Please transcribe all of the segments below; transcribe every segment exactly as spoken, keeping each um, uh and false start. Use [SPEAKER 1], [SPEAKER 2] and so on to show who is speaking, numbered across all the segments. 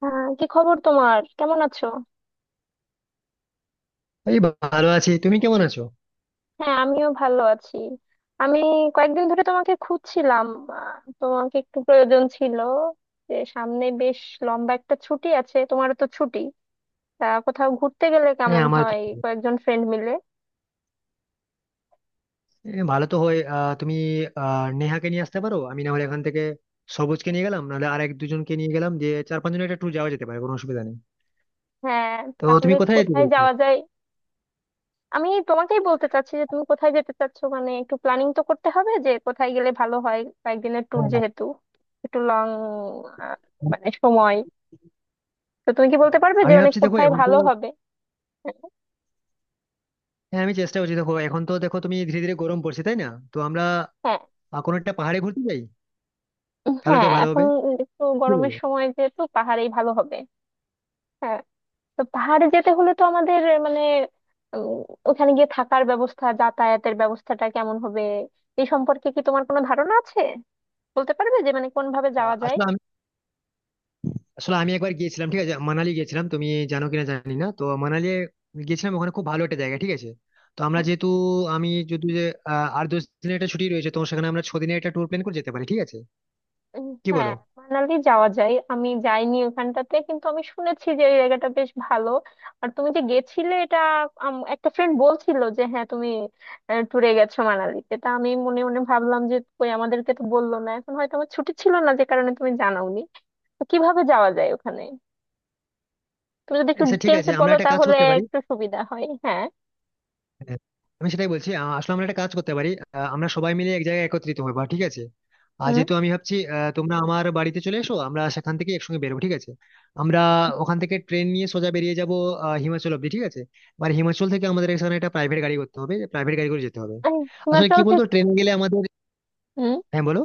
[SPEAKER 1] হ্যাঁ, কি খবর তোমার? কেমন আছো?
[SPEAKER 2] এই ভালো আছি, তুমি কেমন আছো?
[SPEAKER 1] হ্যাঁ, আমিও ভালো আছি। আমি কয়েকদিন ধরে তোমাকে খুঁজছিলাম। আহ, তোমাকে একটু প্রয়োজন ছিল যে সামনে বেশ লম্বা একটা ছুটি আছে, তোমারও তো ছুটি। তা কোথাও ঘুরতে গেলে
[SPEAKER 2] হ্যাঁ,
[SPEAKER 1] কেমন
[SPEAKER 2] আমার তো
[SPEAKER 1] হয়, কয়েকজন ফ্রেন্ড মিলে?
[SPEAKER 2] এ, ভালো তো হয়। আহ, তুমি আহ, নেহাকে নিয়ে আসতে পারো। আমি না হলে এখান থেকে সবুজকে নিয়ে গেলাম, নাহলে আর এক দুজনকে নিয়ে গেলাম, যে চার পাঁচজন একটা ট্যুর যাওয়া যেতে পারে, কোনো অসুবিধা নেই।
[SPEAKER 1] হ্যাঁ,
[SPEAKER 2] তো তুমি
[SPEAKER 1] তাহলে
[SPEAKER 2] কোথায় যেতে
[SPEAKER 1] কোথায়
[SPEAKER 2] চাইছো?
[SPEAKER 1] যাওয়া যায়? আমি তোমাকেই বলতে চাচ্ছি যে তুমি কোথায় যেতে চাচ্ছো, মানে একটু প্ল্যানিং তো করতে হবে যে কোথায় গেলে ভালো হয়, কয়েকদিনের ট্যুর
[SPEAKER 2] হ্যাঁ,
[SPEAKER 1] যেহেতু, একটু লং মানে সময়। তো তুমি কি বলতে পারবে যে
[SPEAKER 2] আমি
[SPEAKER 1] মানে
[SPEAKER 2] ভাবছি দেখো
[SPEAKER 1] কোথায়
[SPEAKER 2] এখন তো।
[SPEAKER 1] ভালো হবে?
[SPEAKER 2] হ্যাঁ, আমি চেষ্টা করছি দেখো এখন তো, দেখো তুমি ধীরে ধীরে গরম পড়ছে, তাই না? তো আমরা
[SPEAKER 1] হ্যাঁ,
[SPEAKER 2] আহ, কোনো একটা পাহাড়ে ঘুরতে যাই, তাহলে
[SPEAKER 1] হ্যাঁ,
[SPEAKER 2] তো ভালো
[SPEAKER 1] এখন
[SPEAKER 2] হবে।
[SPEAKER 1] একটু
[SPEAKER 2] কি
[SPEAKER 1] গরমের
[SPEAKER 2] বলো?
[SPEAKER 1] সময় যেহেতু, পাহাড়েই ভালো হবে। হ্যাঁ, তো পাহাড়ে যেতে হলে তো আমাদের মানে, উম, ওখানে গিয়ে থাকার ব্যবস্থা, যাতায়াতের ব্যবস্থাটা কেমন হবে, এই সম্পর্কে কি তোমার কোনো ধারণা আছে? বলতে পারবে যে মানে কোন ভাবে
[SPEAKER 2] আহ,
[SPEAKER 1] যাওয়া যায়?
[SPEAKER 2] আসলে আসলে আমি একবার গিয়েছিলাম, ঠিক আছে, মানালি গিয়েছিলাম। তুমি জানো কিনা জানি না, তো মানালি গিয়েছিলাম। ওখানে খুব ভালো একটা জায়গা, ঠিক আছে। তো আমরা যেহেতু আমি যদি যে আহ, আর দশ দিনের একটা ছুটি রয়েছে, তো সেখানে আমরা ছ দিনের একটা ট্যুর প্ল্যান করে যেতে পারি, ঠিক আছে।
[SPEAKER 1] উম,
[SPEAKER 2] কি
[SPEAKER 1] হ্যাঁ,
[SPEAKER 2] বলো?
[SPEAKER 1] মানালি যাওয়া যায়। আমি যাইনি ওখানটাতে, কিন্তু আমি শুনেছি যে এই জায়গাটা বেশ ভালো। আর তুমি যে গেছিলে এটা, আম, একটা ফ্রেন্ড বলছিল যে হ্যাঁ তুমি ট্যুরে গেছো মানালিতে। তা আমি মনে মনে ভাবলাম যে কই আমাদেরকে তো বললো না, এখন হয়তো আমার ছুটি ছিল না যে কারণে তুমি জানাওনি। তো কিভাবে যাওয়া যায় ওখানে? তুমি যদি একটু
[SPEAKER 2] আচ্ছা ঠিক আছে,
[SPEAKER 1] ডিটেলসে
[SPEAKER 2] আমরা
[SPEAKER 1] বলো
[SPEAKER 2] একটা কাজ
[SPEAKER 1] তাহলে
[SPEAKER 2] করতে পারি।
[SPEAKER 1] একটু সুবিধা হয়। হ্যাঁ।
[SPEAKER 2] হ্যাঁ, আমি সেটাই বলছি। আ, আসলে আমরা একটা কাজ করতে পারি। আ, আমরা সবাই মিলে এক জায়গায় একত্রিত হবো, ঠিক আছে। আর
[SPEAKER 1] হুম।
[SPEAKER 2] যেহেতু আমি ভাবছি আ, তোমরা আমার বাড়িতে চলে এসো, আমরা সেখান থেকে একসঙ্গে বেরোবো, ঠিক আছে। আমরা ওখান থেকে ট্রেন নিয়ে সোজা বেরিয়ে যাবো আ, হিমাচল অব্দি, ঠিক আছে। এবার হিমাচল থেকে আমাদের এখানে একটা প্রাইভেট গাড়ি করতে হবে, প্রাইভেট গাড়ি করে যেতে হবে।
[SPEAKER 1] আহ,
[SPEAKER 2] আসলে
[SPEAKER 1] হিমাচল
[SPEAKER 2] কি বলতো
[SPEAKER 1] থেকে?
[SPEAKER 2] ট্রেন গেলে আমাদের।
[SPEAKER 1] হুম,
[SPEAKER 2] হ্যাঁ, বলো।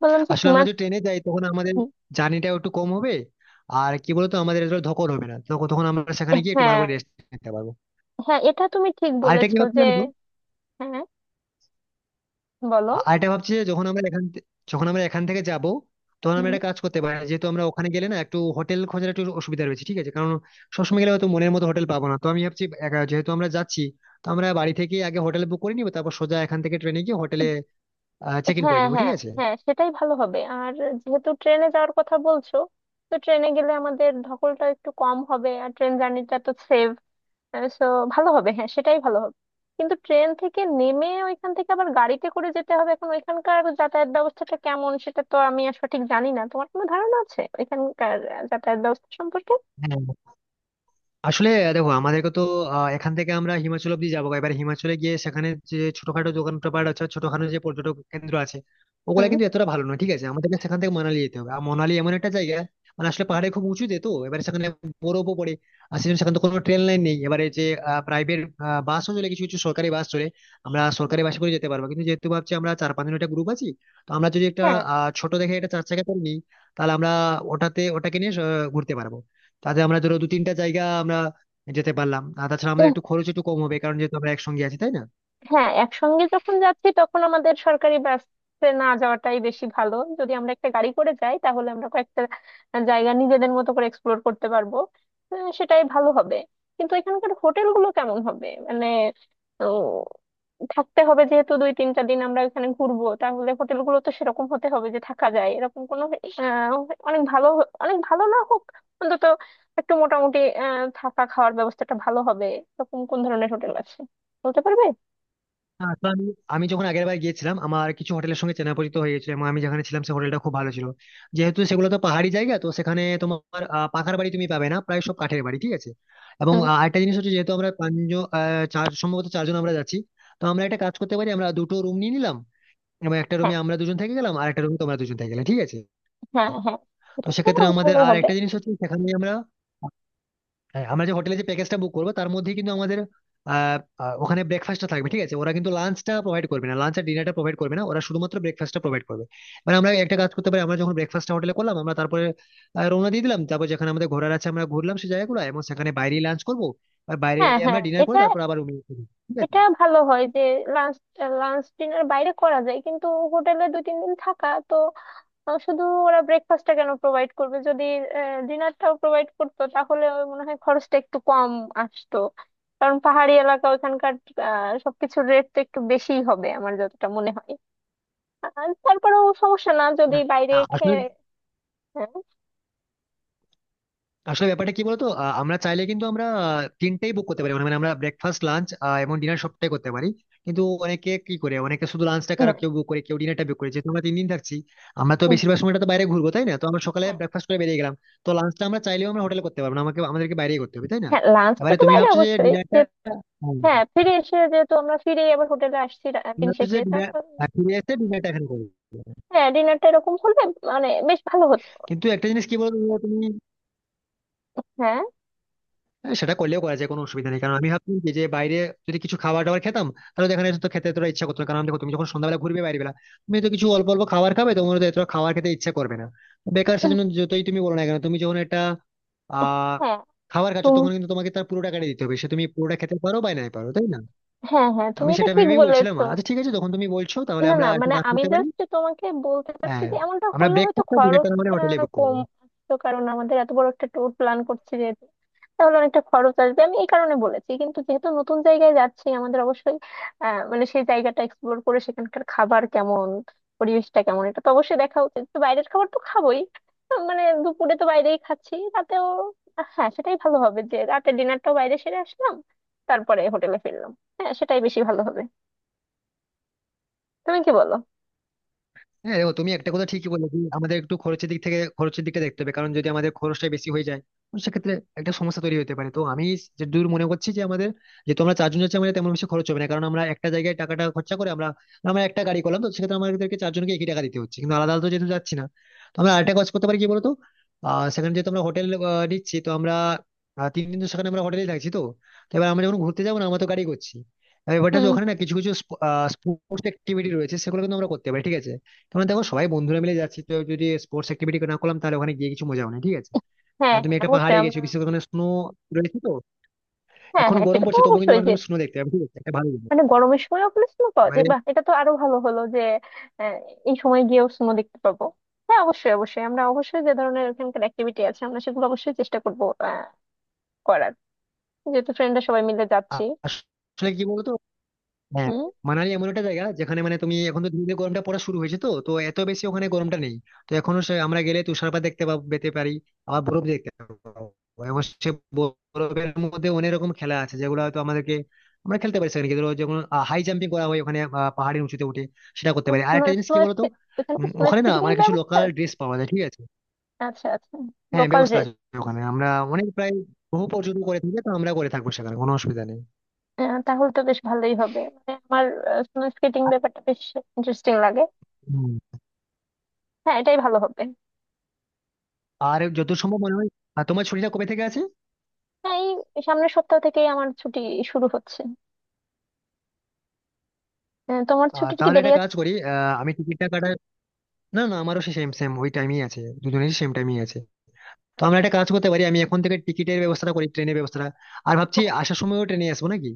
[SPEAKER 1] বললাম যে
[SPEAKER 2] আসলে আমরা যদি
[SPEAKER 1] হিমাচল।
[SPEAKER 2] ট্রেনে যাই তখন আমাদের জার্নিটা একটু কম হবে। আর কি বলতো আমাদের ধকল হবে না তখন, তখন আমরা সেখানে গিয়ে একটু ভালো
[SPEAKER 1] হ্যাঁ,
[SPEAKER 2] করে রেস্ট নিতে পারবো।
[SPEAKER 1] হ্যাঁ, এটা তুমি ঠিক
[SPEAKER 2] আর এটা কি
[SPEAKER 1] বলেছো যে।
[SPEAKER 2] ভাবছিলাম।
[SPEAKER 1] হ্যাঁ, বলো।
[SPEAKER 2] আ- আর এটা ভাবছি যে যখন আমরা এখান থে- যখন আমরা এখান থেকে যাব, তখন আমরা একটা কাজ করতে পারি। যেহেতু আমরা ওখানে গেলে না একটু হোটেল খোঁজার একটু অসুবিধা রয়েছে, ঠিক আছে, কারণ সবসময় গেলে হয়তো মনের মতো হোটেল পাবো না। তো আমি ভাবছি একা- যেহেতু আমরা যাচ্ছি, তো আমরা বাড়ি থেকে আগে হোটেল বুক করে নিবো, তারপর সোজা এখান থেকে ট্রেনে গিয়ে হোটেলে চেক ইন করে
[SPEAKER 1] হ্যাঁ,
[SPEAKER 2] নিবো, ঠিক
[SPEAKER 1] হ্যাঁ।
[SPEAKER 2] আছে।
[SPEAKER 1] হ্যাঁ, সেটাই ভালো হবে। আর যেহেতু ট্রেনে যাওয়ার কথা বলছো, তো ট্রেনে গেলে আমাদের ধকলটা একটু কম হবে আর ট্রেন জার্নিটা তো সেভ, সো ভালো হবে। হ্যাঁ, সেটাই ভালো হবে। কিন্তু ট্রেন থেকে নেমে ওইখান থেকে আবার গাড়িতে করে যেতে হবে। এখন ওইখানকার যাতায়াত ব্যবস্থাটা কেমন সেটা তো আমি আর সঠিক জানি না। তোমার কোনো ধারণা আছে ওইখানকার আহ, যাতায়াত ব্যবস্থা সম্পর্কে?
[SPEAKER 2] হ্যাঁ, আসলে দেখো আমাদেরকে তো আহ, এখান থেকে আমরা হিমাচল অব্দি যাবো। এবার হিমাচলে গিয়ে সেখানে যে ছোটখাটো দোকান পাট আছে, ছোটখাটো যে পর্যটক কেন্দ্র আছে, ওগুলা
[SPEAKER 1] হুম।
[SPEAKER 2] কিন্তু এতটা ভালো নয়, ঠিক আছে। আমাদেরকে সেখান থেকে মানালি যেতে হবে। আর মানালি এমন একটা জায়গা, মানে আসলে পাহাড়ে খুব উঁচুতে, তো এবার সেখানে বরফও পড়ে। আর সেজন্য সেখানে তো কোনো ট্রেন লাইন নেই। এবারে যে প্রাইভেট বাসও চলে, কিছু কিছু সরকারি বাস চলে। আমরা সরকারি বাসে করে যেতে পারবো, কিন্তু যেহেতু ভাবছি আমরা চার পাঁচজন একটা গ্রুপ আছি, তো আমরা যদি একটা
[SPEAKER 1] হ্যাঁ,
[SPEAKER 2] আহ, ছোট দেখে একটা চার চাকা করে নিই, তাহলে আমরা ওটাতে ওটাকে নিয়ে আহ, ঘুরতে পারবো। তাতে আমরা ধরো দু তিনটা জায়গা আমরা যেতে পারলাম। আর তাছাড়া আমাদের একটু খরচ একটু কম হবে, কারণ যেহেতু আমরা একসঙ্গে আছি, তাই না?
[SPEAKER 1] হ্যাঁ, একসঙ্গে যখন যাচ্ছি তখন আমাদের সরকারি বাসে না যাওয়াটাই বেশি ভালো। যদি আমরা একটা গাড়ি করে যাই তাহলে আমরা কয়েকটা জায়গা নিজেদের মতো করে এক্সপ্লোর করতে পারবো। আহ, সেটাই ভালো হবে। কিন্তু এখানকার হোটেলগুলো কেমন হবে মানে, উম, থাকতে হবে যেহেতু দুই তিনটা দিন আমরা এখানে ঘুরবো, তাহলে হোটেলগুলো তো সেরকম হতে হবে যে থাকা যায়। এরকম কোনো আহ, অনেক ভালো হ- অনেক ভালো না হোক, অন্তত একটু মোটামুটি আহ, থাকা খাওয়ার ব্যবস্থাটা ভালো হবে, এরকম কোন ধরনের হোটেল আছে? বলতে পারবে?
[SPEAKER 2] হ্যাঁ, তো আমি আমি যখন আগের বার গিয়েছিলাম, আমার কিছু হোটেলের সঙ্গে চেনা পরিচিত হয়ে গেছিল, এবং আমি যেখানে ছিলাম সে হোটেলটা খুব ভালো ছিল। যেহেতু সেগুলো তো পাহাড়ি জায়গা, তো সেখানে তোমার আহ, পাকার বাড়ি তুমি পাবে না, প্রায় সব কাঠের বাড়ি, ঠিক আছে। এবং আহ, আরেকটা জিনিস হচ্ছে যেহেতু আমরা পাঁচজন, আহ, চার সম্ভবত চারজন আমরা যাচ্ছি। তো আমরা একটা কাজ করতে পারি, আমরা দুটো রুম নিয়ে নিলাম, এবং একটা
[SPEAKER 1] হ্যাঁ,
[SPEAKER 2] রুমে আমরা দুজন থেকে গেলাম আর একটা রুমে তোমরা দুজন থেকে গেলে, ঠিক আছে।
[SPEAKER 1] হ্যাঁ। হ্যাঁ,
[SPEAKER 2] তো
[SPEAKER 1] এটা তো
[SPEAKER 2] সেক্ষেত্রে আমাদের
[SPEAKER 1] ভালো
[SPEAKER 2] আর
[SPEAKER 1] হবে।
[SPEAKER 2] একটা জিনিস হচ্ছে সেখানে আমরা। হ্যাঁ, আমরা যে হোটেলে যে প্যাকেজটা বুক করবো তার মধ্যে কিন্তু আমাদের আহ, আহ, ওখানে ব্রেকফাস্টটা থাকবে, ঠিক আছে। ওরা কিন্তু লাঞ্চটা প্রোভাইড করবে না, লাঞ্চ আর ডিনারটা প্রোভাইড করবে না, ওরা শুধুমাত্র ব্রেকফাস্টটা প্রোভাইড করবে। মানে আমরা একটা কাজ করতে পারি, আমরা যখন ব্রেকফাস্টটা হোটেলে করলাম আমরা তারপরে আহ, রওনা দিয়ে দিলাম। তারপর যেখানে আমাদের ঘোরার আছে আমরা ঘুরলাম সেই জায়গাগুলো, এবং সেখানে বাইরেই লাঞ্চ করবো। আর বাইরে
[SPEAKER 1] হ্যাঁ,
[SPEAKER 2] আমরা
[SPEAKER 1] হ্যাঁ।
[SPEAKER 2] ডিনার করে
[SPEAKER 1] এটা
[SPEAKER 2] তারপর আবার রুমে, ঠিক আছে।
[SPEAKER 1] এটা ভালো হয় যে লাঞ্চ লাঞ্চ ডিনার বাইরে করা যায়, কিন্তু হোটেলে দুই তিন দিন থাকা তো, আহ, শুধু ওরা ব্রেকফাস্টটা কেন প্রোভাইড করবে? যদি ডিনারটাও প্রোভাইড করতো তাহলে ওই মনে হয় খরচটা একটু কম আসতো। কারণ পাহাড়ি এলাকা ওখানকার আহ, সবকিছুর রেট তো একটু বেশিই হবে আমার যতটা মনে হয়। আর তারপরেও সমস্যা না যদি
[SPEAKER 2] না,
[SPEAKER 1] বাইরে
[SPEAKER 2] না, আসলে
[SPEAKER 1] খেয়ে, হ্যাঁ।
[SPEAKER 2] আসলে ব্যাপারটা কি বলতো আহ, আমরা চাইলে কিন্তু আমরা আহ, তিনটেই বুক করতে পারি। মানে মানে আমরা ব্রেকফাস্ট, লাঞ্চ এবং ডিনার সবটাই করতে পারি। কিন্তু অনেকে কি করে, অনেকে শুধু লাঞ্চটা কারো,
[SPEAKER 1] হ্যাঁ,
[SPEAKER 2] কেউ বুক করে, কেউ ডিনারটা বুক করে। যেহেতু আমরা তিন দিন থাকছি, আমরা তো বেশিরভাগ সময়টা তো বাইরে ঘুরবো, তাই না? তো আমরা সকালে
[SPEAKER 1] হ্যাঁ,
[SPEAKER 2] ব্রেকফাস্ট করে বেরিয়ে গেলাম, তো লাঞ্চটা আমরা চাইলেও আমরা হোটেলে করতে পারবো না, আমাকে আমাদেরকে বাইরেই করতে হবে, তাই না?
[SPEAKER 1] হ্যাঁ, লাঞ্চটা
[SPEAKER 2] এবারে
[SPEAKER 1] তো
[SPEAKER 2] তুমি
[SPEAKER 1] বাইরে
[SPEAKER 2] ভাবছো যে
[SPEAKER 1] অবশ্যই।
[SPEAKER 2] ডিনারটা তুমি
[SPEAKER 1] হ্যাঁ, ফিরে এসে যেহেতু আমরা ফিরেই আবার হোটেলে আসছি, রা- দিন
[SPEAKER 2] ভাবছো যে
[SPEAKER 1] শেষে
[SPEAKER 2] ডিনার
[SPEAKER 1] তখন
[SPEAKER 2] ফিরে এসে ডিনারটা এখানে করবে।
[SPEAKER 1] হ্যাঁ, ডিনারটা এরকম হলে মানে বেশ ভালো হতো।
[SPEAKER 2] কিন্তু একটা জিনিস কি বলতো তুমি।
[SPEAKER 1] হ্যাঁ,
[SPEAKER 2] হ্যাঁ, সেটা করলেও করা যায়, কোনো অসুবিধা নেই। কারণ আমি ভাবছি যে যে বাইরে যদি কিছু খাবার দাবার খেতাম, তাহলে দেখা যেত তো খেতে এতটা ইচ্ছা করতো না। কারণ দেখো তুমি যখন সন্ধ্যাবেলা ঘুরবে বাইরে বেলা, তুমি তো কিছু অল্প অল্প খাবার খাবে, তোমার তো এতটা খাবার খেতে ইচ্ছা করবে না বেকার।
[SPEAKER 1] উম,
[SPEAKER 2] সেজন্য যতই তুমি বলো না কেন, তুমি যখন একটা আহ
[SPEAKER 1] হ্যাঁ।
[SPEAKER 2] খাবার খাচ্ছ
[SPEAKER 1] তুমি,
[SPEAKER 2] তখন কিন্তু তোমাকে তার পুরো টাকাটা দিতে হবে, সে তুমি পুরোটা খেতে পারো বা নাই পারো, তাই না?
[SPEAKER 1] হ্যাঁ, হ্যাঁ,
[SPEAKER 2] তো
[SPEAKER 1] তুমি
[SPEAKER 2] আমি
[SPEAKER 1] এটা
[SPEAKER 2] সেটা
[SPEAKER 1] ঠিক
[SPEAKER 2] ভেবেই বলছিলাম,
[SPEAKER 1] বলেছো।
[SPEAKER 2] আচ্ছা ঠিক আছে, যখন তুমি বলছো তাহলে
[SPEAKER 1] না,
[SPEAKER 2] আমরা
[SPEAKER 1] না,
[SPEAKER 2] একটা
[SPEAKER 1] মানে
[SPEAKER 2] কাজ
[SPEAKER 1] আমি
[SPEAKER 2] করতে পারি।
[SPEAKER 1] জাস্ট তোমাকে বলতে চাচ্ছি
[SPEAKER 2] হ্যাঁ,
[SPEAKER 1] যে এমনটা
[SPEAKER 2] আমরা
[SPEAKER 1] হলে হয়তো
[SPEAKER 2] ব্রেকফাস্টটা ডিনারটা মানে
[SPEAKER 1] খরচটা
[SPEAKER 2] হোটেলে বুক
[SPEAKER 1] কম
[SPEAKER 2] করবো।
[SPEAKER 1] আসতো, কারণ আমাদের এত বড় একটা ট্যুর প্ল্যান করছি যেহেতু, তাহলে অনেকটা খরচ আসবে আমি এই কারণে বলেছি। কিন্তু যেহেতু নতুন জায়গায় যাচ্ছি আমাদের অবশ্যই আহ, মানে সেই জায়গাটা এক্সপ্লোর করে সেখানকার খাবার কেমন, পরিবেশটা কেমন, এটা তো অবশ্যই দেখা উচিত। তো বাইরের খাবার তো খাবোই, আহ, মানে দুপুরে তো বাইরেই খাচ্ছি, রাতেও আহ, হ্যাঁ, সেটাই ভালো হবে যে রাতে ডিনারটাও বাইরে সেরে আসলাম তারপরে হোটেলে ফিরলাম। হ্যাঁ, সেটাই বেশি ভালো হবে। তুমি কি বলো?
[SPEAKER 2] হ্যাঁ, দেখো তুমি একটা কথা ঠিকই বলেছি, আমাদের একটু খরচের দিক থেকে খরচের দিকটা দেখতে হবে। কারণ যদি আমাদের খরচটা বেশি হয়ে যায় তো সেক্ষেত্রে একটা সমস্যা তৈরি হতে পারে। তো আমি যে দূর মনে করছি যে আমাদের যেহেতু আমরা চারজন যাচ্ছি, আমাদের তেমন বেশি খরচ হবে না। কারণ আমরা একটা জায়গায় টাকাটা খরচা করে আমরা আমরা একটা গাড়ি করলাম। তো সেক্ষেত্রে আমাদেরকে চারজনকে একই টাকা দিতে হচ্ছে, কিন্তু আলাদা আলাদা তো যেহেতু যাচ্ছি না। তো আমরা আরেকটা কাজ করতে পারি কি বলতো, আহ সেখানে যেহেতু আমরা হোটেল নিচ্ছি তো আমরা আহ, তিন দিন তো সেখানে আমরা হোটেলেই থাকছি। তো তো এবার আমরা যখন ঘুরতে যাবো না, আমরা তো গাড়ি করছি। এবার ব্যাপারটা হচ্ছে ওখানে না কিছু কিছু স্পোর্টস অ্যাক্টিভিটি রয়েছে, সেগুলো কিন্তু আমরা করতে পারি, ঠিক আছে। তোমার দেখো সবাই বন্ধুরা মিলে যাচ্ছি, তো যদি স্পোর্টস অ্যাক্টিভিটি না করলাম তাহলে ওখানে গিয়ে কিছু মজা হবে না, ঠিক আছে।
[SPEAKER 1] হ্যাঁ,
[SPEAKER 2] আর তুমি
[SPEAKER 1] হ্যাঁ,
[SPEAKER 2] একটা পাহাড়ে
[SPEAKER 1] অবশ্যই
[SPEAKER 2] গেছো
[SPEAKER 1] আমরা।
[SPEAKER 2] বিশেষ করে ওখানে স্নো রয়েছে তো।
[SPEAKER 1] হ্যাঁ,
[SPEAKER 2] এখন
[SPEAKER 1] হ্যাঁ,
[SPEAKER 2] গরম
[SPEAKER 1] সেটা তো
[SPEAKER 2] পড়ছে তবুও কিন্তু
[SPEAKER 1] অবশ্যই
[SPEAKER 2] ওখানে
[SPEAKER 1] যে
[SPEAKER 2] তুমি স্নো দেখতে পাবে, ঠিক আছে, এটা ভালো জিনিস।
[SPEAKER 1] মানে গরমের সময়ও আপনি স্নো পাওয়া
[SPEAKER 2] এবারে
[SPEAKER 1] যায়? বাহ, এটা তো আরো ভালো হলো যে আহ, এই সময় গিয়েও স্নো দেখতে পাবো। হ্যাঁ, অবশ্যই অবশ্যই আমরা অবশ্যই যে ধরনের এখানকার অ্যাক্টিভিটি আছে আমরা সেগুলো অবশ্যই চেষ্টা করবো আহ, করার, যেহেতু ফ্রেন্ডরা সবাই মিলে
[SPEAKER 2] আ-
[SPEAKER 1] যাচ্ছি।
[SPEAKER 2] আসলে কি বলতো। হ্যাঁ,
[SPEAKER 1] হুম।
[SPEAKER 2] মানালি এমন একটা জায়গা যেখানে মানে তুমি এখন তো ধীরে ধীরে গরমটা পড়া শুরু হয়েছে, তো তো এত বেশি ওখানে গরমটা নেই। তো এখনো সে আমরা গেলে তুষারপাত দেখতে পাব- পেতে পারি, আবার বরফ দেখতে পাবো, এবং সে বরফের মধ্যে অনেক রকম খেলা আছে যেগুলো হয়তো আমাদেরকে আমরা খেলতে পারি সেখানে গিয়ে। ধরো যেমন হাই জাম্পিং করা হয় ওখানে, আহ, পাহাড়ের উঁচুতে উঠে সেটা করতে পারি। আর
[SPEAKER 1] স্নো
[SPEAKER 2] একটা জিনিস
[SPEAKER 1] স্নো
[SPEAKER 2] কি বলতো,
[SPEAKER 1] এখানে কি
[SPEAKER 2] উম,
[SPEAKER 1] স্নো
[SPEAKER 2] ওখানে না
[SPEAKER 1] স্কেটিং
[SPEAKER 2] আমার
[SPEAKER 1] এর
[SPEAKER 2] কিছু
[SPEAKER 1] ব্যবস্থা
[SPEAKER 2] লোকাল
[SPEAKER 1] আছে?
[SPEAKER 2] ড্রেস পাওয়া যায়, ঠিক আছে।
[SPEAKER 1] আচ্ছা, আচ্ছা।
[SPEAKER 2] হ্যাঁ,
[SPEAKER 1] লোকাল
[SPEAKER 2] ব্যবস্থা
[SPEAKER 1] ড্রেস?
[SPEAKER 2] আছে। ওখানে আমরা অনেক প্রায় বহু পর্যটন করে থাকি, তো আমরা করে থাকবো, সেখানে কোনো অসুবিধা নেই।
[SPEAKER 1] তাহলে তো বেশ ভালোই হবে। মানে আমার স্নো স্কেটিং ব্যাপারটা বেশ ইন্টারেস্টিং লাগে।
[SPEAKER 2] হুম।
[SPEAKER 1] হ্যাঁ, এটাই ভালো হবে।
[SPEAKER 2] আর যত সম্ভব মনে হয়। আর তোমার ছুটিটা কবে থেকে আছে?
[SPEAKER 1] এই সামনের সপ্তাহ থেকেই আমার ছুটি শুরু হচ্ছে। আহ, তোমার
[SPEAKER 2] আহ
[SPEAKER 1] ছুটি কি
[SPEAKER 2] তাহলে
[SPEAKER 1] দেরি
[SPEAKER 2] একটা
[SPEAKER 1] আছে?
[SPEAKER 2] কাজ করি, আহ আমি টিকিটটা কাটার। না না, আমারও সেম সেম ওই টাইমই আছে, দুজনেরই সেম টাইমই আছে। তো
[SPEAKER 1] আচ্ছা,
[SPEAKER 2] আমরা একটা
[SPEAKER 1] আচ্ছা।
[SPEAKER 2] কাজ করতে পারি, আমি এখন থেকে টিকিটের ব্যবস্থাটা করি, ট্রেনের ব্যবস্থাটা। আর ভাবছি
[SPEAKER 1] হ্যাঁ,
[SPEAKER 2] আসার সময়ও ট্রেনে আসবো নাকি।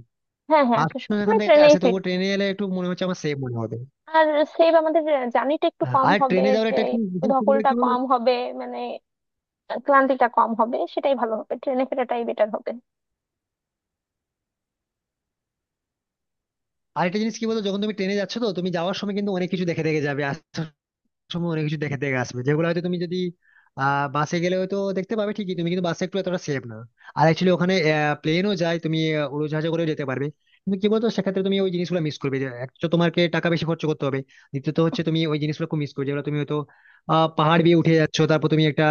[SPEAKER 1] হ্যাঁ, হ্যাঁ, আসার
[SPEAKER 2] আসলে
[SPEAKER 1] সময়
[SPEAKER 2] এখান
[SPEAKER 1] আমরা
[SPEAKER 2] থেকে
[SPEAKER 1] ট্রেনেই
[SPEAKER 2] আসে তবুও
[SPEAKER 1] ফিরবো।
[SPEAKER 2] ট্রেনে এলে একটু মনে হচ্ছে আমার সেফ মনে হবে।
[SPEAKER 1] আর সেভ আমাদের জার্নিটা একটু
[SPEAKER 2] হ্যাঁ,
[SPEAKER 1] কম
[SPEAKER 2] আর
[SPEAKER 1] হবে।
[SPEAKER 2] ট্রেনে যাওয়ার
[SPEAKER 1] যে
[SPEAKER 2] একটা কি বিশেষ সুবিধা
[SPEAKER 1] ধকলটা
[SPEAKER 2] কি বলতো।
[SPEAKER 1] কম হবে, মানে ক্লান্তিটা কম হবে, সেটাই ভালো হবে। ট্রেনে ফেরাটাই বেটার হবে।
[SPEAKER 2] আরেকটা জিনিস কি বলতো, যখন তুমি ট্রেনে যাচ্ছ তো তুমি যাওয়ার সময় কিন্তু অনেক কিছু দেখে দেখে যাবে, আসার সময় অনেক কিছু দেখে দেখে আসবে, যেগুলো হয়তো তুমি যদি আহ বাসে গেলে হয়তো দেখতে পাবে ঠিকই, তুমি কিন্তু বাসে একটু এতটা সেফ না। আর অ্যাকচুয়ালি ওখানে প্লেনও যায়, তুমি আহ, উড়োজাহাজে করেও যেতে পারবে। কিন্তু কি বলতো সেক্ষেত্রে তুমি ওই জিনিসগুলো মিস করবে, যে এক তো তোমাকে টাকা বেশি খরচ করতে হবে, দ্বিতীয়ত হচ্ছে তুমি ওই জিনিসগুলো খুব মিস করবে, যেগুলো তুমি হয়তো আহ পাহাড় দিয়ে উঠে যাচ্ছ তারপর তুমি একটা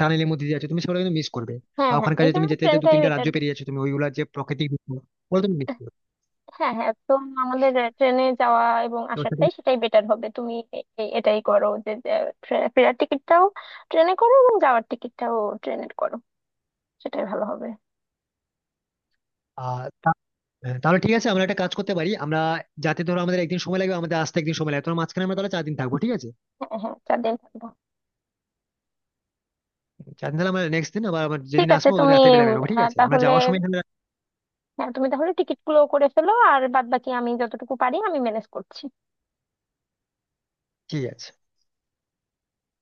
[SPEAKER 2] টানেলের মধ্যে দিয়ে যাচ্ছ, তুমি সেগুলো কিন্তু মিস করবে।
[SPEAKER 1] হ্যাঁ,
[SPEAKER 2] বা
[SPEAKER 1] হ্যাঁ,
[SPEAKER 2] ওখানকার
[SPEAKER 1] এই
[SPEAKER 2] যে
[SPEAKER 1] জন্য
[SPEAKER 2] তুমি যেতে যেতে দু
[SPEAKER 1] ট্রেনটাই
[SPEAKER 2] তিনটা
[SPEAKER 1] বেটার
[SPEAKER 2] রাজ্য
[SPEAKER 1] হবে।
[SPEAKER 2] পেরিয়ে যাচ্ছ, তুমি ওইগুলা যে প্রাকৃতিক দৃশ্য, ওগুলো তুমি মিস করবে।
[SPEAKER 1] হ্যাঁ, হ্যাঁ, তো আমাদের ট্রেনে যাওয়া এবং
[SPEAKER 2] তো
[SPEAKER 1] আসাটাই,
[SPEAKER 2] সেটা-
[SPEAKER 1] সেটাই বেটার হবে। তুমি এ- এ- এটাই করো, যে যে ফে- ফেরার টিকিটটাও ট্রেনে করো এবং যাওয়ার টিকিটটাও ট্রেনের করো, সেটাই ভালো হবে।
[SPEAKER 2] আর হ্যাঁ, তাহলে ঠিক আছে, আমরা একটা কাজ করতে পারি আমরা। যাতে ধরো আমাদের একদিন সময় লাগবে, আমাদের আসতে একদিন সময় লাগবে তোমার, মাঝখানে আমরা তাহলে চার দিন থাকবো, ঠিক আছে।
[SPEAKER 1] হ্যাঁ, হ্যাঁ, চার দিন থাকবো।
[SPEAKER 2] চার দিন, তাহলে আমরা নেক্সট দিন আবার আমরা
[SPEAKER 1] ঠিক
[SPEAKER 2] যেদিন
[SPEAKER 1] আছে।
[SPEAKER 2] আসবো ওদিন
[SPEAKER 1] তুমি
[SPEAKER 2] রাতে বেলা
[SPEAKER 1] উম,
[SPEAKER 2] বেরোবো, ঠিক
[SPEAKER 1] আহ,
[SPEAKER 2] আছে, আমরা
[SPEAKER 1] তাহলে
[SPEAKER 2] যাওয়ার সময় এখানে,
[SPEAKER 1] হ্যাঁ, তুমি তাহলে টিকিট গুলো করে ফেলো আর বাদ বাকি আমি যতটুকু পারি আমি ম্যানেজ করছি।
[SPEAKER 2] ঠিক আছে।